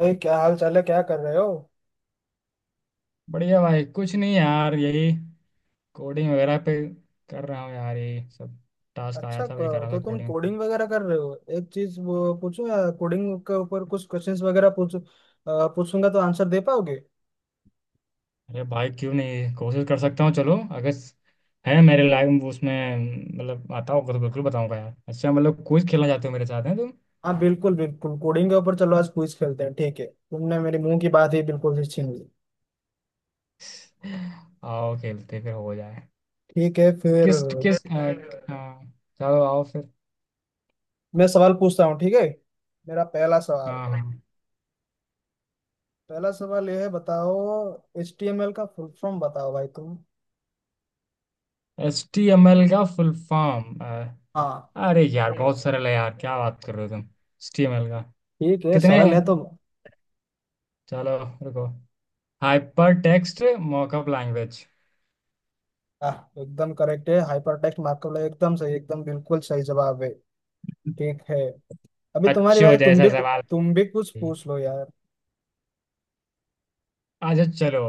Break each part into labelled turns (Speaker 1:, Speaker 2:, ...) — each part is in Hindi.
Speaker 1: अरे क्या हाल चाल है, क्या कर रहे हो?
Speaker 2: बढ़िया भाई, कुछ नहीं यार, यही कोडिंग वगैरह पे कर रहा हूँ। यार यही सब टास्क आया
Speaker 1: अच्छा
Speaker 2: था, वही कर रहा
Speaker 1: तो
Speaker 2: था,
Speaker 1: तुम
Speaker 2: कोडिंग।
Speaker 1: कोडिंग वगैरह कर रहे हो। एक चीज वो पूछूं, या कोडिंग के ऊपर कुछ क्वेश्चंस वगैरह पूछूंगा तो आंसर दे पाओगे?
Speaker 2: अरे भाई क्यों नहीं, कोशिश कर सकता हूँ। चलो, अगर है मेरे लाइफ में उसमें, मतलब आता होगा तो बिल्कुल बताऊंगा यार। अच्छा, मतलब क्विज खेलना चाहते हो मेरे साथ, हैं तुम?
Speaker 1: हाँ बिल्कुल बिल्कुल, कोडिंग के ऊपर चलो आज क्विज खेलते हैं। ठीक है, तुमने मेरे मुंह की बात ही बिल्कुल से छीन ली।
Speaker 2: आओ, खेलते फिर, हो जाए।
Speaker 1: ठीक है फिर।
Speaker 2: किस किस हाँ, चलो आओ फिर।
Speaker 1: मैं सवाल पूछता हूँ, ठीक है। मेरा पहला सवाल।
Speaker 2: हाँ हाँ।
Speaker 1: पहला सवाल यह है, बताओ HTML का फुल फॉर्म बताओ भाई तुम।
Speaker 2: एच टी एम एल का फुल फॉर्म?
Speaker 1: हाँ।
Speaker 2: अरे यार बहुत सरल है यार, क्या बात कर रहे हो तुम। एच टी एम एल का
Speaker 1: ठीक है,
Speaker 2: कितने,
Speaker 1: सरल है तो।
Speaker 2: चलो, रुको। Hyper text mockup language.
Speaker 1: आह, एकदम करेक्ट है, हाइपर टेक्स्ट मार्कअप लैंग्वेज, एकदम सही, एकदम बिल्कुल सही जवाब है। ठीक है, अभी तुम्हारी
Speaker 2: बच्चों
Speaker 1: बारी। तुम
Speaker 2: जैसा
Speaker 1: भी
Speaker 2: सवाल।
Speaker 1: तुम भी कुछ पूछ लो यार।
Speaker 2: अच्छा चलो,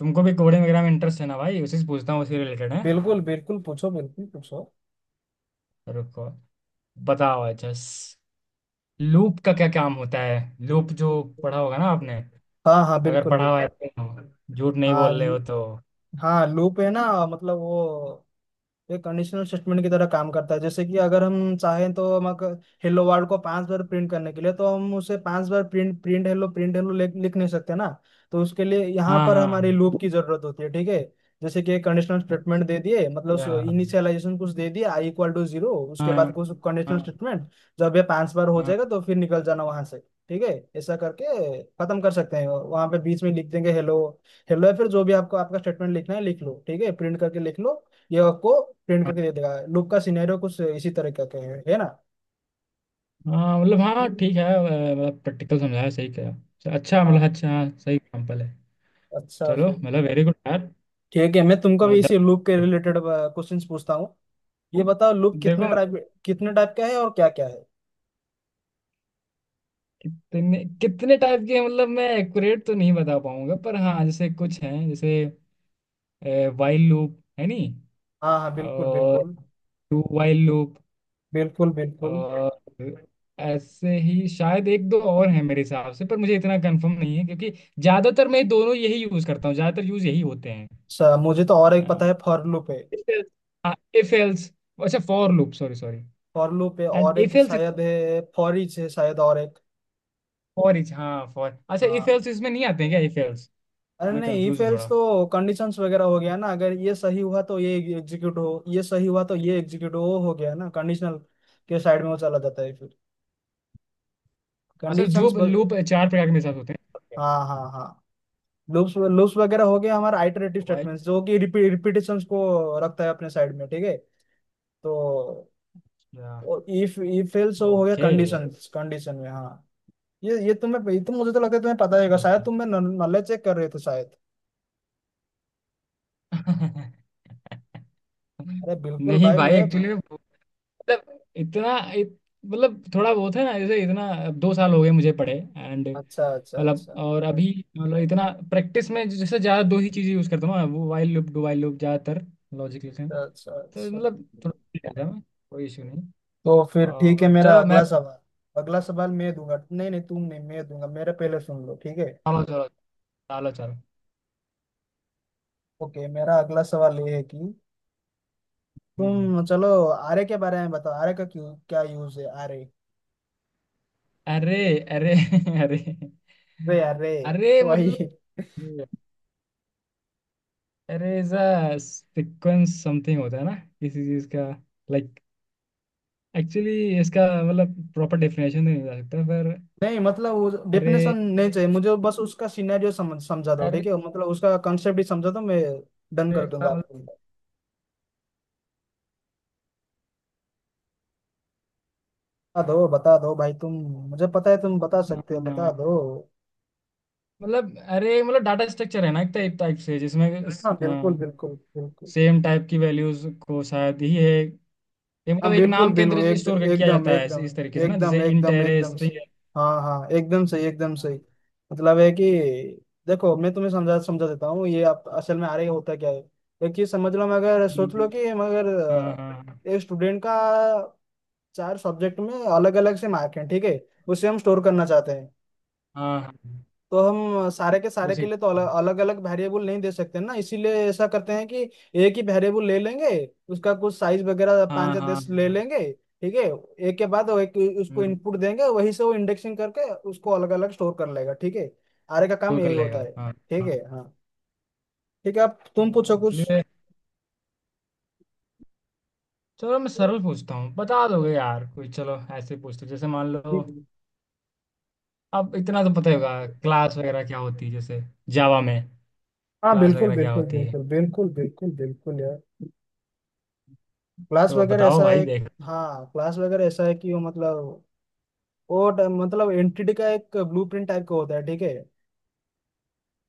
Speaker 2: तुमको भी कोडिंग वगैरह में इंटरेस्ट है ना भाई, उसी से पूछता हूँ, उसी रिलेटेड है।
Speaker 1: बिल्कुल बिल्कुल पूछो, बिल्कुल पूछो।
Speaker 2: रुको, बताओ। अच्छा, लूप का क्या काम होता है? लूप जो पढ़ा होगा ना आपने,
Speaker 1: हाँ हाँ
Speaker 2: अगर
Speaker 1: बिल्कुल
Speaker 2: पढ़ा हुआ है
Speaker 1: बिल्कुल।
Speaker 2: तो, झूठ नहीं
Speaker 1: हाँ
Speaker 2: बोल रहे
Speaker 1: लू-
Speaker 2: हो तो।
Speaker 1: हाँ लूप है ना, मतलब वो ये कंडीशनल स्टेटमेंट की तरह काम करता है। जैसे कि अगर हम चाहें, तो हम अगर हेलो वर्ल्ड को 5 बार प्रिंट करने के लिए, तो हम उसे 5 बार प्रिंट प्रिंट हेलो लिख लिख नहीं सकते ना। तो उसके लिए यहाँ
Speaker 2: हाँ
Speaker 1: पर हमारी
Speaker 2: हाँ।
Speaker 1: लूप की जरूरत होती है, ठीक है। जैसे कि कंडीशनल स्टेटमेंट
Speaker 2: अच्छा।
Speaker 1: दे दिए, मतलब
Speaker 2: हाँ
Speaker 1: इनिशियलाइजेशन कुछ दे दिया, आई इक्वल टू जीरो, उसके बाद
Speaker 2: हाँ
Speaker 1: कुछ कंडीशनल
Speaker 2: हाँ।
Speaker 1: स्टेटमेंट। जब ये 5 बार हो
Speaker 2: हाँ,
Speaker 1: जाएगा, तो फिर निकल जाना वहां से, ठीक है। ऐसा करके खत्म कर सकते हैं, वहां पे बीच में लिख देंगे हेलो हेलो, या फिर जो भी आपको आपका स्टेटमेंट लिखना है लिख लो, ठीक है, प्रिंट करके लिख लो। ये आपको प्रिंट करके दे देगा। लूप का सिनेरियो कुछ इसी तरह का के है ना।
Speaker 2: हाँ, ठीक है। मतलब प्रैक्टिकल समझाया, सही कहा। अच्छा,
Speaker 1: हाँ।
Speaker 2: मतलब अच्छा, हाँ सही एग्जाम्पल है।
Speaker 1: अच्छा
Speaker 2: चलो
Speaker 1: फिर,
Speaker 2: मतलब, वेरी गुड यार।
Speaker 1: ठीक है, मैं तुमको
Speaker 2: अ,
Speaker 1: भी इसी
Speaker 2: द-
Speaker 1: लूप के रिलेटेड क्वेश्चंस पूछता हूँ। ये बताओ, लूप
Speaker 2: देखो,
Speaker 1: कितने टाइप का है और क्या क्या है।
Speaker 2: कितने कितने टाइप के हैं, मतलब मैं एक्यूरेट तो नहीं बता पाऊंगा, पर हाँ जैसे कुछ हैं, जैसे वाइल लूप है नहीं
Speaker 1: हाँ हाँ बिल्कुल
Speaker 2: और
Speaker 1: बिल्कुल
Speaker 2: टू वाइल लूप।
Speaker 1: बिल्कुल बिल्कुल।
Speaker 2: और ऐसे ही शायद एक दो और हैं मेरे हिसाब से, पर मुझे इतना कंफर्म नहीं है क्योंकि ज्यादातर मैं दोनों यही यूज करता हूँ, ज्यादातर यूज यही होते हैं।
Speaker 1: मुझे तो और एक
Speaker 2: हाँ।
Speaker 1: पता है, फॉर लूप है।
Speaker 2: If else. अच्छा for loop, sorry sorry.
Speaker 1: For loop है,
Speaker 2: एंड
Speaker 1: और
Speaker 2: इफ
Speaker 1: एक
Speaker 2: एल्स।
Speaker 1: शायद है, फॉर ईच है शायद, और एक।
Speaker 2: फॉर इच, हाँ, फॉर, अच्छा इफ
Speaker 1: हाँ।
Speaker 2: एल्स इसमें नहीं आते हैं क्या, इफ?
Speaker 1: अरे
Speaker 2: मैं
Speaker 1: नहीं, इफ
Speaker 2: कंफ्यूज हूँ
Speaker 1: एल्स
Speaker 2: थोड़ा।
Speaker 1: तो कंडीशंस वगैरह हो गया ना। अगर ये सही हुआ तो ये एग्जीक्यूट हो, ये सही हुआ तो ये एग्जीक्यूट हो गया ना कंडीशनल के साइड में वो चला जाता है फिर।
Speaker 2: अच्छा, जो
Speaker 1: कंडीशंस।
Speaker 2: लूप चार प्रकार के मेरे साथ होते हैं।
Speaker 1: हाँ हाँ हाँ। लूप्स लूप्स वगैरह हो गया हमारा, आइटरेटिव
Speaker 2: वाइल,
Speaker 1: स्टेटमेंट्स जो कि रिपीटेशंस को रखता है अपने साइड में, ठीक है। तो
Speaker 2: या
Speaker 1: इफ इफ एल्स हो गया
Speaker 2: ओके।
Speaker 1: कंडीशंस, कंडीशन में। हाँ। ये तुम्हें, ये तो मुझे तो लगता है तुम्हें पता होगा शायद,
Speaker 2: नहीं।
Speaker 1: तुम मैं नॉलेज चेक कर रहे थे शायद। अरे बिल्कुल
Speaker 2: नहीं
Speaker 1: भाई
Speaker 2: भाई,
Speaker 1: मैं,
Speaker 2: एक्चुअली मतलब मतलब थोड़ा बहुत है ना, जैसे इतना अब दो साल हो गए मुझे पढ़े एंड,
Speaker 1: अच्छा अच्छा
Speaker 2: मतलब।
Speaker 1: अच्छा
Speaker 2: और अभी मतलब इतना, प्रैक्टिस में जैसे ज़्यादा दो ही चीज़ें यूज़ करता हूँ ना, वो while loop, do while loop ज़्यादातर, लॉजिकल से,
Speaker 1: अच्छा
Speaker 2: तो
Speaker 1: अच्छा।
Speaker 2: मतलब थोड़ा ठीक रहता है। मैं, कोई इशू नहीं।
Speaker 1: तो फिर ठीक है,
Speaker 2: और
Speaker 1: मेरा
Speaker 2: चलो मैं,
Speaker 1: अगला सवाल मैं दूंगा, नहीं नहीं, तुम नहीं, मैं दूंगा। मेरा पहले सुन लो, ठीक है।
Speaker 2: चलो चलो, चलो चलो।
Speaker 1: ओके, मेरा अगला सवाल ये है कि
Speaker 2: हम्म।
Speaker 1: तुम चलो आरे के बारे में बताओ। आरे का क्यों क्या यूज है। आरे
Speaker 2: अरे। अरे, अरे।
Speaker 1: रे अरे
Speaker 2: अरे मतलब,
Speaker 1: वही।
Speaker 2: अरे ऐसा सीक्वेंस समथिंग होता है ना किसी चीज का, लाइक। एक्चुअली इसका मतलब, प्रॉपर डेफिनेशन नहीं बता सकता पर।
Speaker 1: नहीं मतलब
Speaker 2: अरे।
Speaker 1: डेफिनेशन नहीं चाहिए मुझे, बस उसका सिनेरियो समझा दो, ठीक
Speaker 2: अरे।
Speaker 1: है। मतलब उसका कंसेप्ट ही समझा दो, मैं डन
Speaker 2: अरे
Speaker 1: कर
Speaker 2: का
Speaker 1: दूंगा
Speaker 2: मतलब,
Speaker 1: आपको। बता दो भाई तुम, मुझे पता है तुम बता सकते हो, बता
Speaker 2: हाँ,
Speaker 1: दो।
Speaker 2: मतलब अरे मतलब डाटा स्ट्रक्चर है ना, एक टाइप टाइप से जिसमें।
Speaker 1: हाँ बिल्कुल
Speaker 2: हाँ,
Speaker 1: बिल्कुल बिल्कुल।
Speaker 2: सेम टाइप की वैल्यूज को, शायद ही है ये,
Speaker 1: हाँ
Speaker 2: मतलब एक
Speaker 1: बिल्कुल
Speaker 2: नाम के अंदर
Speaker 1: बिल्कुल एक
Speaker 2: स्टोर किया
Speaker 1: एकदम
Speaker 2: जाता है इस
Speaker 1: एकदम
Speaker 2: इस तरीके से ना,
Speaker 1: एकदम
Speaker 2: जैसे इंट
Speaker 1: एकदम
Speaker 2: अरे,
Speaker 1: एकदम सही।
Speaker 2: स्ट्रिंग।
Speaker 1: हाँ हाँ एकदम सही एकदम सही।
Speaker 2: हाँ
Speaker 1: मतलब है कि, देखो मैं तुम्हें समझा समझा देता हूँ, ये आप असल में आ रही होता क्या है। एक चीज समझ लो मगर, सोच लो कि
Speaker 2: हाँ हाँ
Speaker 1: एक स्टूडेंट का चार सब्जेक्ट में अलग अलग से मार्क है, ठीक है। उसे हम स्टोर करना चाहते हैं।
Speaker 2: हाँ। हाँ,
Speaker 1: तो हम सारे के
Speaker 2: उसी।
Speaker 1: लिए तो अलग अलग वेरिएबल नहीं दे सकते ना, इसीलिए ऐसा करते हैं कि एक ही वेरिएबल ले लेंगे। उसका कुछ साइज वगैरह पाँच
Speaker 2: हाँ
Speaker 1: या 10 ले
Speaker 2: हाँ।
Speaker 1: लेंगे, ठीक है। एक के बाद वो एक उसको
Speaker 2: हम्म,
Speaker 1: इनपुट देंगे, वहीं से वो इंडेक्सिंग करके उसको अलग अलग स्टोर कर लेगा, ठीक है। आरे का काम
Speaker 2: वो कर
Speaker 1: यही होता
Speaker 2: लेगा,
Speaker 1: है,
Speaker 2: हाँ।
Speaker 1: ठीक
Speaker 2: हाँ।
Speaker 1: है। हाँ ठीक है, अब तुम
Speaker 2: हाँ,
Speaker 1: पूछो कुछ।
Speaker 2: इसलिए चलो मैं सरल पूछता हूँ, बता दोगे यार कोई। चलो ऐसे पूछते, जैसे मान लो, अब इतना तो पता ही होगा, क्लास वगैरह क्या होती है, जैसे जावा में।
Speaker 1: हाँ
Speaker 2: क्लास
Speaker 1: बिल्कुल
Speaker 2: वगैरह क्या
Speaker 1: बिल्कुल
Speaker 2: होती है,
Speaker 1: बिल्कुल बिल्कुल बिल्कुल बिल्कुल यार। क्लास
Speaker 2: तो
Speaker 1: वगैरह
Speaker 2: बताओ
Speaker 1: ऐसा
Speaker 2: भाई,
Speaker 1: है कि,
Speaker 2: देख।
Speaker 1: हाँ क्लास वगैरह ऐसा है कि वो मतलब, मतलब एंटिटी का एक ब्लूप्रिंट टाइप का होता है, ठीक है।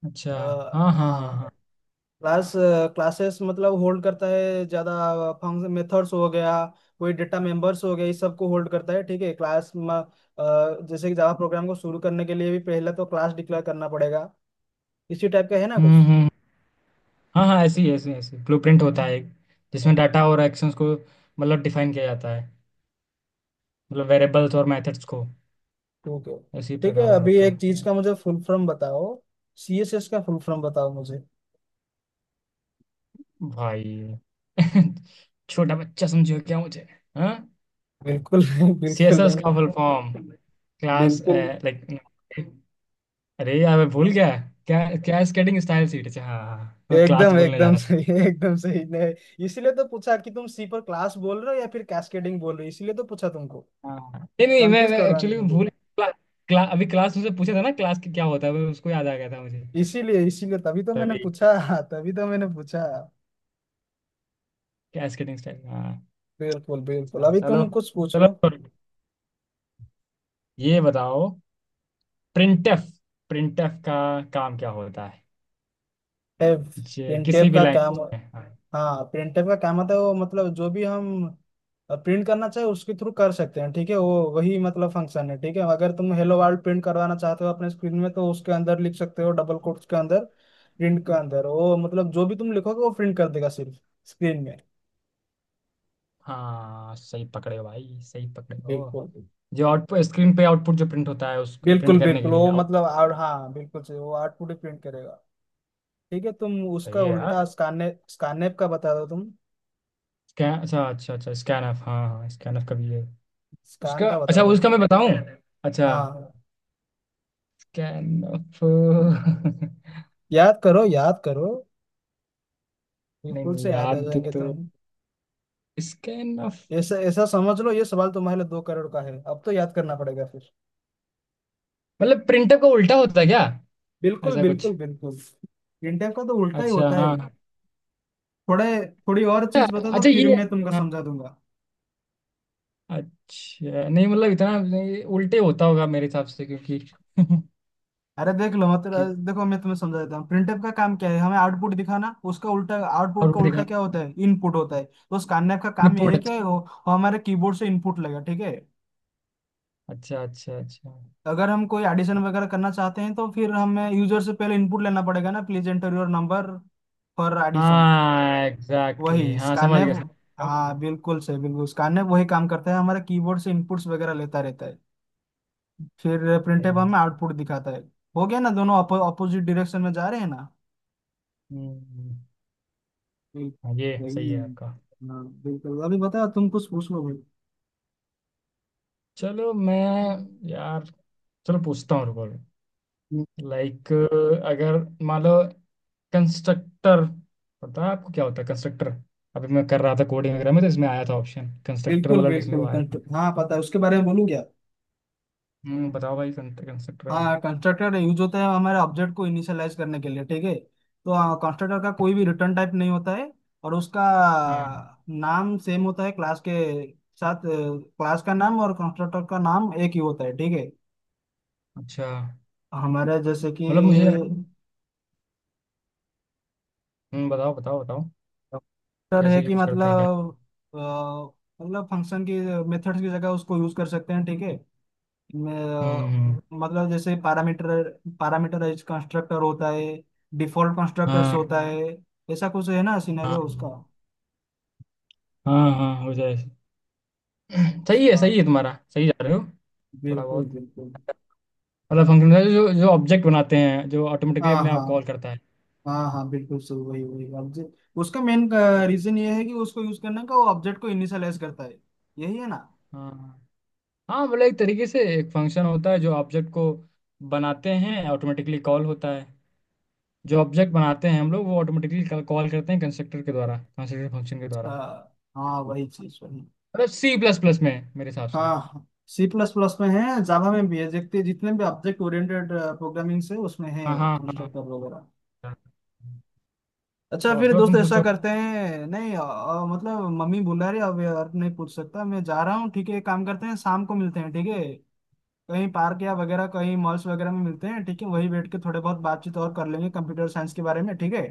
Speaker 2: अच्छा, हाँ हाँ हाँ
Speaker 1: हाँ
Speaker 2: हाँ।
Speaker 1: क्लास, क्लासेस मतलब होल्ड करता है ज़्यादा फंक्शन, मेथड्स हो गया, कोई डेटा मेंबर्स हो गया, इस सब को होल्ड करता है, ठीक है क्लास। जैसे कि जावा प्रोग्राम को शुरू करने के लिए भी पहले तो क्लास डिक्लेयर करना पड़ेगा, इसी टाइप का है ना कुछ।
Speaker 2: हम्म। हाँ हाँ, ऐसी ऐसी ऐसी, ब्लूप्रिंट
Speaker 1: हाँ,
Speaker 2: होता है एक, जिसमें डाटा और एक्शंस को मतलब डिफाइन किया जाता है, मतलब वेरिएबल्स और मेथड्स को,
Speaker 1: ठीक है।
Speaker 2: इसी
Speaker 1: ठीक है,
Speaker 2: प्रकार में
Speaker 1: अभी
Speaker 2: होता
Speaker 1: एक चीज़
Speaker 2: है।
Speaker 1: का मुझे फुल फॉर्म बताओ, CSS का फुल फॉर्म बताओ मुझे।
Speaker 2: भाई, छोटा बच्चा समझो क्या मुझे। हाँ,
Speaker 1: बिल्कुल नहीं बिल्कुल
Speaker 2: सीएसएस
Speaker 1: नहीं।
Speaker 2: का फुल फॉर्म, क्लास,
Speaker 1: बिल्कुल।
Speaker 2: लाइक, अरे यार मैं भूल गया, क्या क्या? स्केटिंग स्टाइल सीट, अच्छा हाँ हाँ हाँ, मैं क्लास
Speaker 1: एकदम
Speaker 2: बोलने जा रहा था।
Speaker 1: एकदम सही ने, इसीलिए तो पूछा कि तुम सी पर क्लास बोल रहे हो या फिर कैस्केडिंग बोल रहे हो, इसीलिए तो पूछा तुमको,
Speaker 2: हाँ नहीं नहीं, मैं,
Speaker 1: कंफ्यूज
Speaker 2: मैं
Speaker 1: करवाने
Speaker 2: एक्चुअली
Speaker 1: के लिए।
Speaker 2: अभी क्लास मुझसे पूछा था ना, क्लास की क्या होता है, मैं उसको, याद आ गया था मुझे,
Speaker 1: इसीलिए इसीलिए तभी तो मैंने
Speaker 2: तभी।
Speaker 1: पूछा, तभी तो मैंने पूछा।
Speaker 2: क्या स्केटिंग स्टाइल, हाँ।
Speaker 1: बिल्कुल बिल्कुल,
Speaker 2: अच्छा
Speaker 1: अभी
Speaker 2: चलो,
Speaker 1: तुम कुछ पूछ
Speaker 2: चलो
Speaker 1: लो।
Speaker 2: छोड़ो। ये बताओ, प्रिंटफ प्रिंटफ का काम क्या होता है,
Speaker 1: टेप।
Speaker 2: जे
Speaker 1: इन
Speaker 2: किसी
Speaker 1: टेप
Speaker 2: भी
Speaker 1: का क्या?
Speaker 2: लैंग्वेज में, हाँ।
Speaker 1: हाँ प्रिंटर का काम आता है, वो मतलब जो भी हम प्रिंट करना चाहे उसके थ्रू कर सकते हैं, ठीक है। वो वही मतलब फंक्शन है, ठीक है। अगर तुम हेलो वर्ल्ड प्रिंट करवाना चाहते हो अपने स्क्रीन में, तो उसके अंदर लिख सकते हो डबल कोट्स के अंदर, प्रिंट के अंदर वो मतलब जो भी तुम लिखोगे वो प्रिंट कर देगा सिर्फ स्क्रीन में।
Speaker 2: हाँ सही पकड़े हो भाई, सही पकड़े हो।
Speaker 1: बिल्कुल
Speaker 2: जो आउटपुट स्क्रीन पे, आउटपुट जो प्रिंट होता है, उस प्रिंट
Speaker 1: बिल्कुल
Speaker 2: करने के
Speaker 1: बिल्कुल,
Speaker 2: लिए,
Speaker 1: वो
Speaker 2: आउट।
Speaker 1: मतलब, और हाँ बिल्कुल सही, वो आउटपुट ही प्रिंट करेगा। ठीक है, तुम
Speaker 2: सही
Speaker 1: उसका
Speaker 2: है
Speaker 1: उल्टा
Speaker 2: यार।
Speaker 1: स्कैनर स्कैनएप का बता दो तुम,
Speaker 2: स्कैन, अच्छा अच्छा अच्छा, स्कैन ऑफ, हाँ हाँ, स्कैन ऑफ का भी है।
Speaker 1: स्कैन
Speaker 2: उसका,
Speaker 1: का बता
Speaker 2: अच्छा
Speaker 1: दो
Speaker 2: उसका
Speaker 1: तो।
Speaker 2: मैं बताऊं। अच्छा,
Speaker 1: हाँ
Speaker 2: स्कैन ऑफ नहीं,
Speaker 1: याद करो याद करो, बिल्कुल
Speaker 2: नहीं,
Speaker 1: से याद आ
Speaker 2: याद,
Speaker 1: जाएंगे
Speaker 2: तो
Speaker 1: तुम।
Speaker 2: स्कैन ऑफ
Speaker 1: ऐसा ऐसा समझ लो, ये सवाल तुम्हारे लिए 2 करोड़ का है, अब तो याद करना पड़ेगा फिर।
Speaker 2: मतलब प्रिंटर का उल्टा होता है क्या,
Speaker 1: बिल्कुल
Speaker 2: ऐसा कुछ।
Speaker 1: बिल्कुल बिल्कुल, इंडिया का तो उल्टा ही
Speaker 2: अच्छा
Speaker 1: होता है
Speaker 2: हाँ।
Speaker 1: थोड़े, थोड़ी और चीज
Speaker 2: अच्छा
Speaker 1: बता दो
Speaker 2: अच्छा,
Speaker 1: फिर
Speaker 2: ये,
Speaker 1: मैं तुमको
Speaker 2: हाँ,
Speaker 1: समझा दूंगा।
Speaker 2: अच्छा नहीं मतलब इतना नहीं, उल्टे होता होगा मेरे हिसाब से क्योंकि
Speaker 1: अरे देख लो, मतलब
Speaker 2: कि
Speaker 1: देखो मैं तुम्हें समझा देता हूँ, प्रिंटफ का काम क्या है, हमें आउटपुट दिखाना। उसका उल्टा, आउटपुट
Speaker 2: और
Speaker 1: का
Speaker 2: भी
Speaker 1: उल्टा
Speaker 2: देखा,
Speaker 1: क्या होता है, इनपुट होता है। तो उस कार्नैप का काम यह है
Speaker 2: इनपुट।
Speaker 1: कि वो हमारे कीबोर्ड से इनपुट लेगा, ठीक है।
Speaker 2: अच्छा अच्छा अच्छा।
Speaker 1: अगर हम कोई एडिशन वगैरह करना चाहते हैं, तो फिर हमें यूजर से पहले इनपुट लेना पड़ेगा ना, please enter your number for addition.
Speaker 2: हाँ एग्जैक्टली,
Speaker 1: वही
Speaker 2: exactly. हाँ समझ
Speaker 1: स्कैनर,
Speaker 2: गया समझ गया।
Speaker 1: हाँ बिल्कुल सही बिल्कुल, स्कैनर वही काम करता है हमारा, कीबोर्ड से इनपुट्स वगैरह लेता रहता है, फिर
Speaker 2: सही
Speaker 1: प्रिंटेबल
Speaker 2: है।
Speaker 1: हमें आउटपुट दिखाता है। हो गया ना, दोनों अपोजिट डायरेक्शन में जा रहे हैं ना।
Speaker 2: हम्म,
Speaker 1: बिल-
Speaker 2: हाँ, ये सही
Speaker 1: वही।
Speaker 2: है आपका।
Speaker 1: हाँ बिल्कुल, अभी बताओ तुम कुछ पूछ लो भाई।
Speaker 2: चलो मैं, यार चलो पूछता हूँ, रुको। लाइक, अगर मान लो, कंस्ट्रक्टर, पता है आपको क्या होता है कंस्ट्रक्टर, अभी मैं कर रहा था कोडिंग वगैरह में, तो इसमें आया था ऑप्शन, कंस्ट्रक्टर,
Speaker 1: बिल्कुल
Speaker 2: मतलब लिखने को
Speaker 1: बिल्कुल
Speaker 2: आया था।
Speaker 1: हाँ पता है, उसके बारे में बोलूँ क्या?
Speaker 2: हम्म, बताओ भाई कंस्ट्रक्टर में।
Speaker 1: हाँ, कंस्ट्रक्टर यूज होता है हमारे ऑब्जेक्ट को इनिशियलाइज करने के लिए, ठीक है। तो कंस्ट्रक्टर का कोई भी रिटर्न टाइप नहीं होता है, और उसका
Speaker 2: हाँ,
Speaker 1: नाम सेम होता है क्लास के साथ। क्लास का नाम और कंस्ट्रक्टर का नाम एक ही होता है, ठीक है।
Speaker 2: अच्छा,
Speaker 1: हमारे जैसे कि
Speaker 2: मतलब मुझे, बताओ बताओ बताओ,
Speaker 1: कंस्ट्रक्टर है,
Speaker 2: कैसे
Speaker 1: कि
Speaker 2: यूज करते हैं
Speaker 1: मतलब, अ, मतलब फंक्शन की मेथड्स की जगह उसको यूज कर सकते हैं, ठीक है। मैं,
Speaker 2: हम्म हम्म।
Speaker 1: मतलब जैसे पैरामीटर, पैरामीटराइज कंस्ट्रक्टर होता है, डिफॉल्ट कंस्ट्रक्टर्स
Speaker 2: हाँ
Speaker 1: होता है, ऐसा कुछ है ना सिनेरियो
Speaker 2: हाँ
Speaker 1: उसका।
Speaker 2: हाँ, हाँ हो जाए। सही है,
Speaker 1: अच्छा।
Speaker 2: सही है, तुम्हारा सही जा रहे हो। थोड़ा
Speaker 1: बिल्कुल
Speaker 2: बहुत,
Speaker 1: बिल्कुल,
Speaker 2: मतलब फंक्शन जो, ऑब्जेक्ट बनाते हैं, जो ऑटोमेटिकली
Speaker 1: हाँ
Speaker 2: अपने
Speaker 1: हाँ
Speaker 2: आप कॉल करता है।
Speaker 1: हाँ हाँ बिल्कुल सही, वही वही ऑब्जेक्ट उसका मेन
Speaker 2: Like,
Speaker 1: रीजन ये है, कि उसको यूज करने का वो ऑब्जेक्ट को इनिशियलाइज करता है, यही है ना।
Speaker 2: हाँ हाँ, मतलब एक तरीके से एक फंक्शन होता है, जो ऑब्जेक्ट को बनाते हैं, ऑटोमेटिकली कॉल होता है, जो ऑब्जेक्ट बनाते हैं हम लोग, वो ऑटोमेटिकली कॉल करते हैं कंस्ट्रक्टर के द्वारा, कंस्ट्रक्टर फंक्शन के द्वारा।
Speaker 1: अच्छा, हाँ वही चीज वही।
Speaker 2: मतलब सी प्लस प्लस में, मेरे हिसाब से।
Speaker 1: हाँ हाँ, सी प्लस प्लस में है, जावा में भी है, देखते जितने भी ऑब्जेक्ट ओरिएंटेड प्रोग्रामिंग से उसमें है,
Speaker 2: हाँ हाँ हाँ। हाँ,
Speaker 1: कंस्ट्रक्टर वगैरह।
Speaker 2: हाँ।
Speaker 1: अच्छा
Speaker 2: और
Speaker 1: फिर
Speaker 2: चलो
Speaker 1: दोस्त
Speaker 2: तुम
Speaker 1: ऐसा
Speaker 2: पूछो।
Speaker 1: करते हैं, नहीं मतलब मम्मी बुला रही है, अब यार नहीं पूछ सकता, मैं जा रहा हूँ, ठीक है। एक काम करते हैं शाम को मिलते हैं, ठीक है, कहीं पार्क या वगैरह कहीं मॉल्स वगैरह में मिलते हैं, ठीक है, वहीं बैठ के थोड़े बहुत बातचीत और कर लेंगे कंप्यूटर साइंस के बारे में, ठीक है।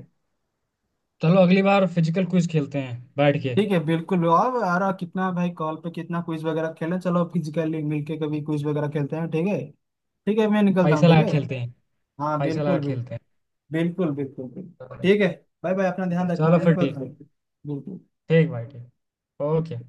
Speaker 2: चलो अगली बार फिजिकल क्विज खेलते हैं बैठ के।
Speaker 1: ठीक है बिल्कुल, और यार कितना भाई कॉल पे कितना क्विज वगैरह खेलें, चलो फिजिकली मिलके कभी क्विज वगैरह खेलते हैं, ठीक है। ठीक है मैं निकलता हूँ,
Speaker 2: पैसा
Speaker 1: ठीक
Speaker 2: लगा
Speaker 1: है।
Speaker 2: खेलते हैं,
Speaker 1: हाँ
Speaker 2: पैसा लगा
Speaker 1: बिल्कुल बिल्कुल
Speaker 2: खेलते
Speaker 1: बिल्कुल बिल्कुल बिल्कुल।
Speaker 2: हैं।
Speaker 1: ठीक है, बाय बाय, अपना ध्यान रखना,
Speaker 2: चलो
Speaker 1: मैं
Speaker 2: फिर
Speaker 1: निकलता
Speaker 2: ठीक।
Speaker 1: हूँ। बिल्कुल।
Speaker 2: ठीक भाई ठीक। ओके।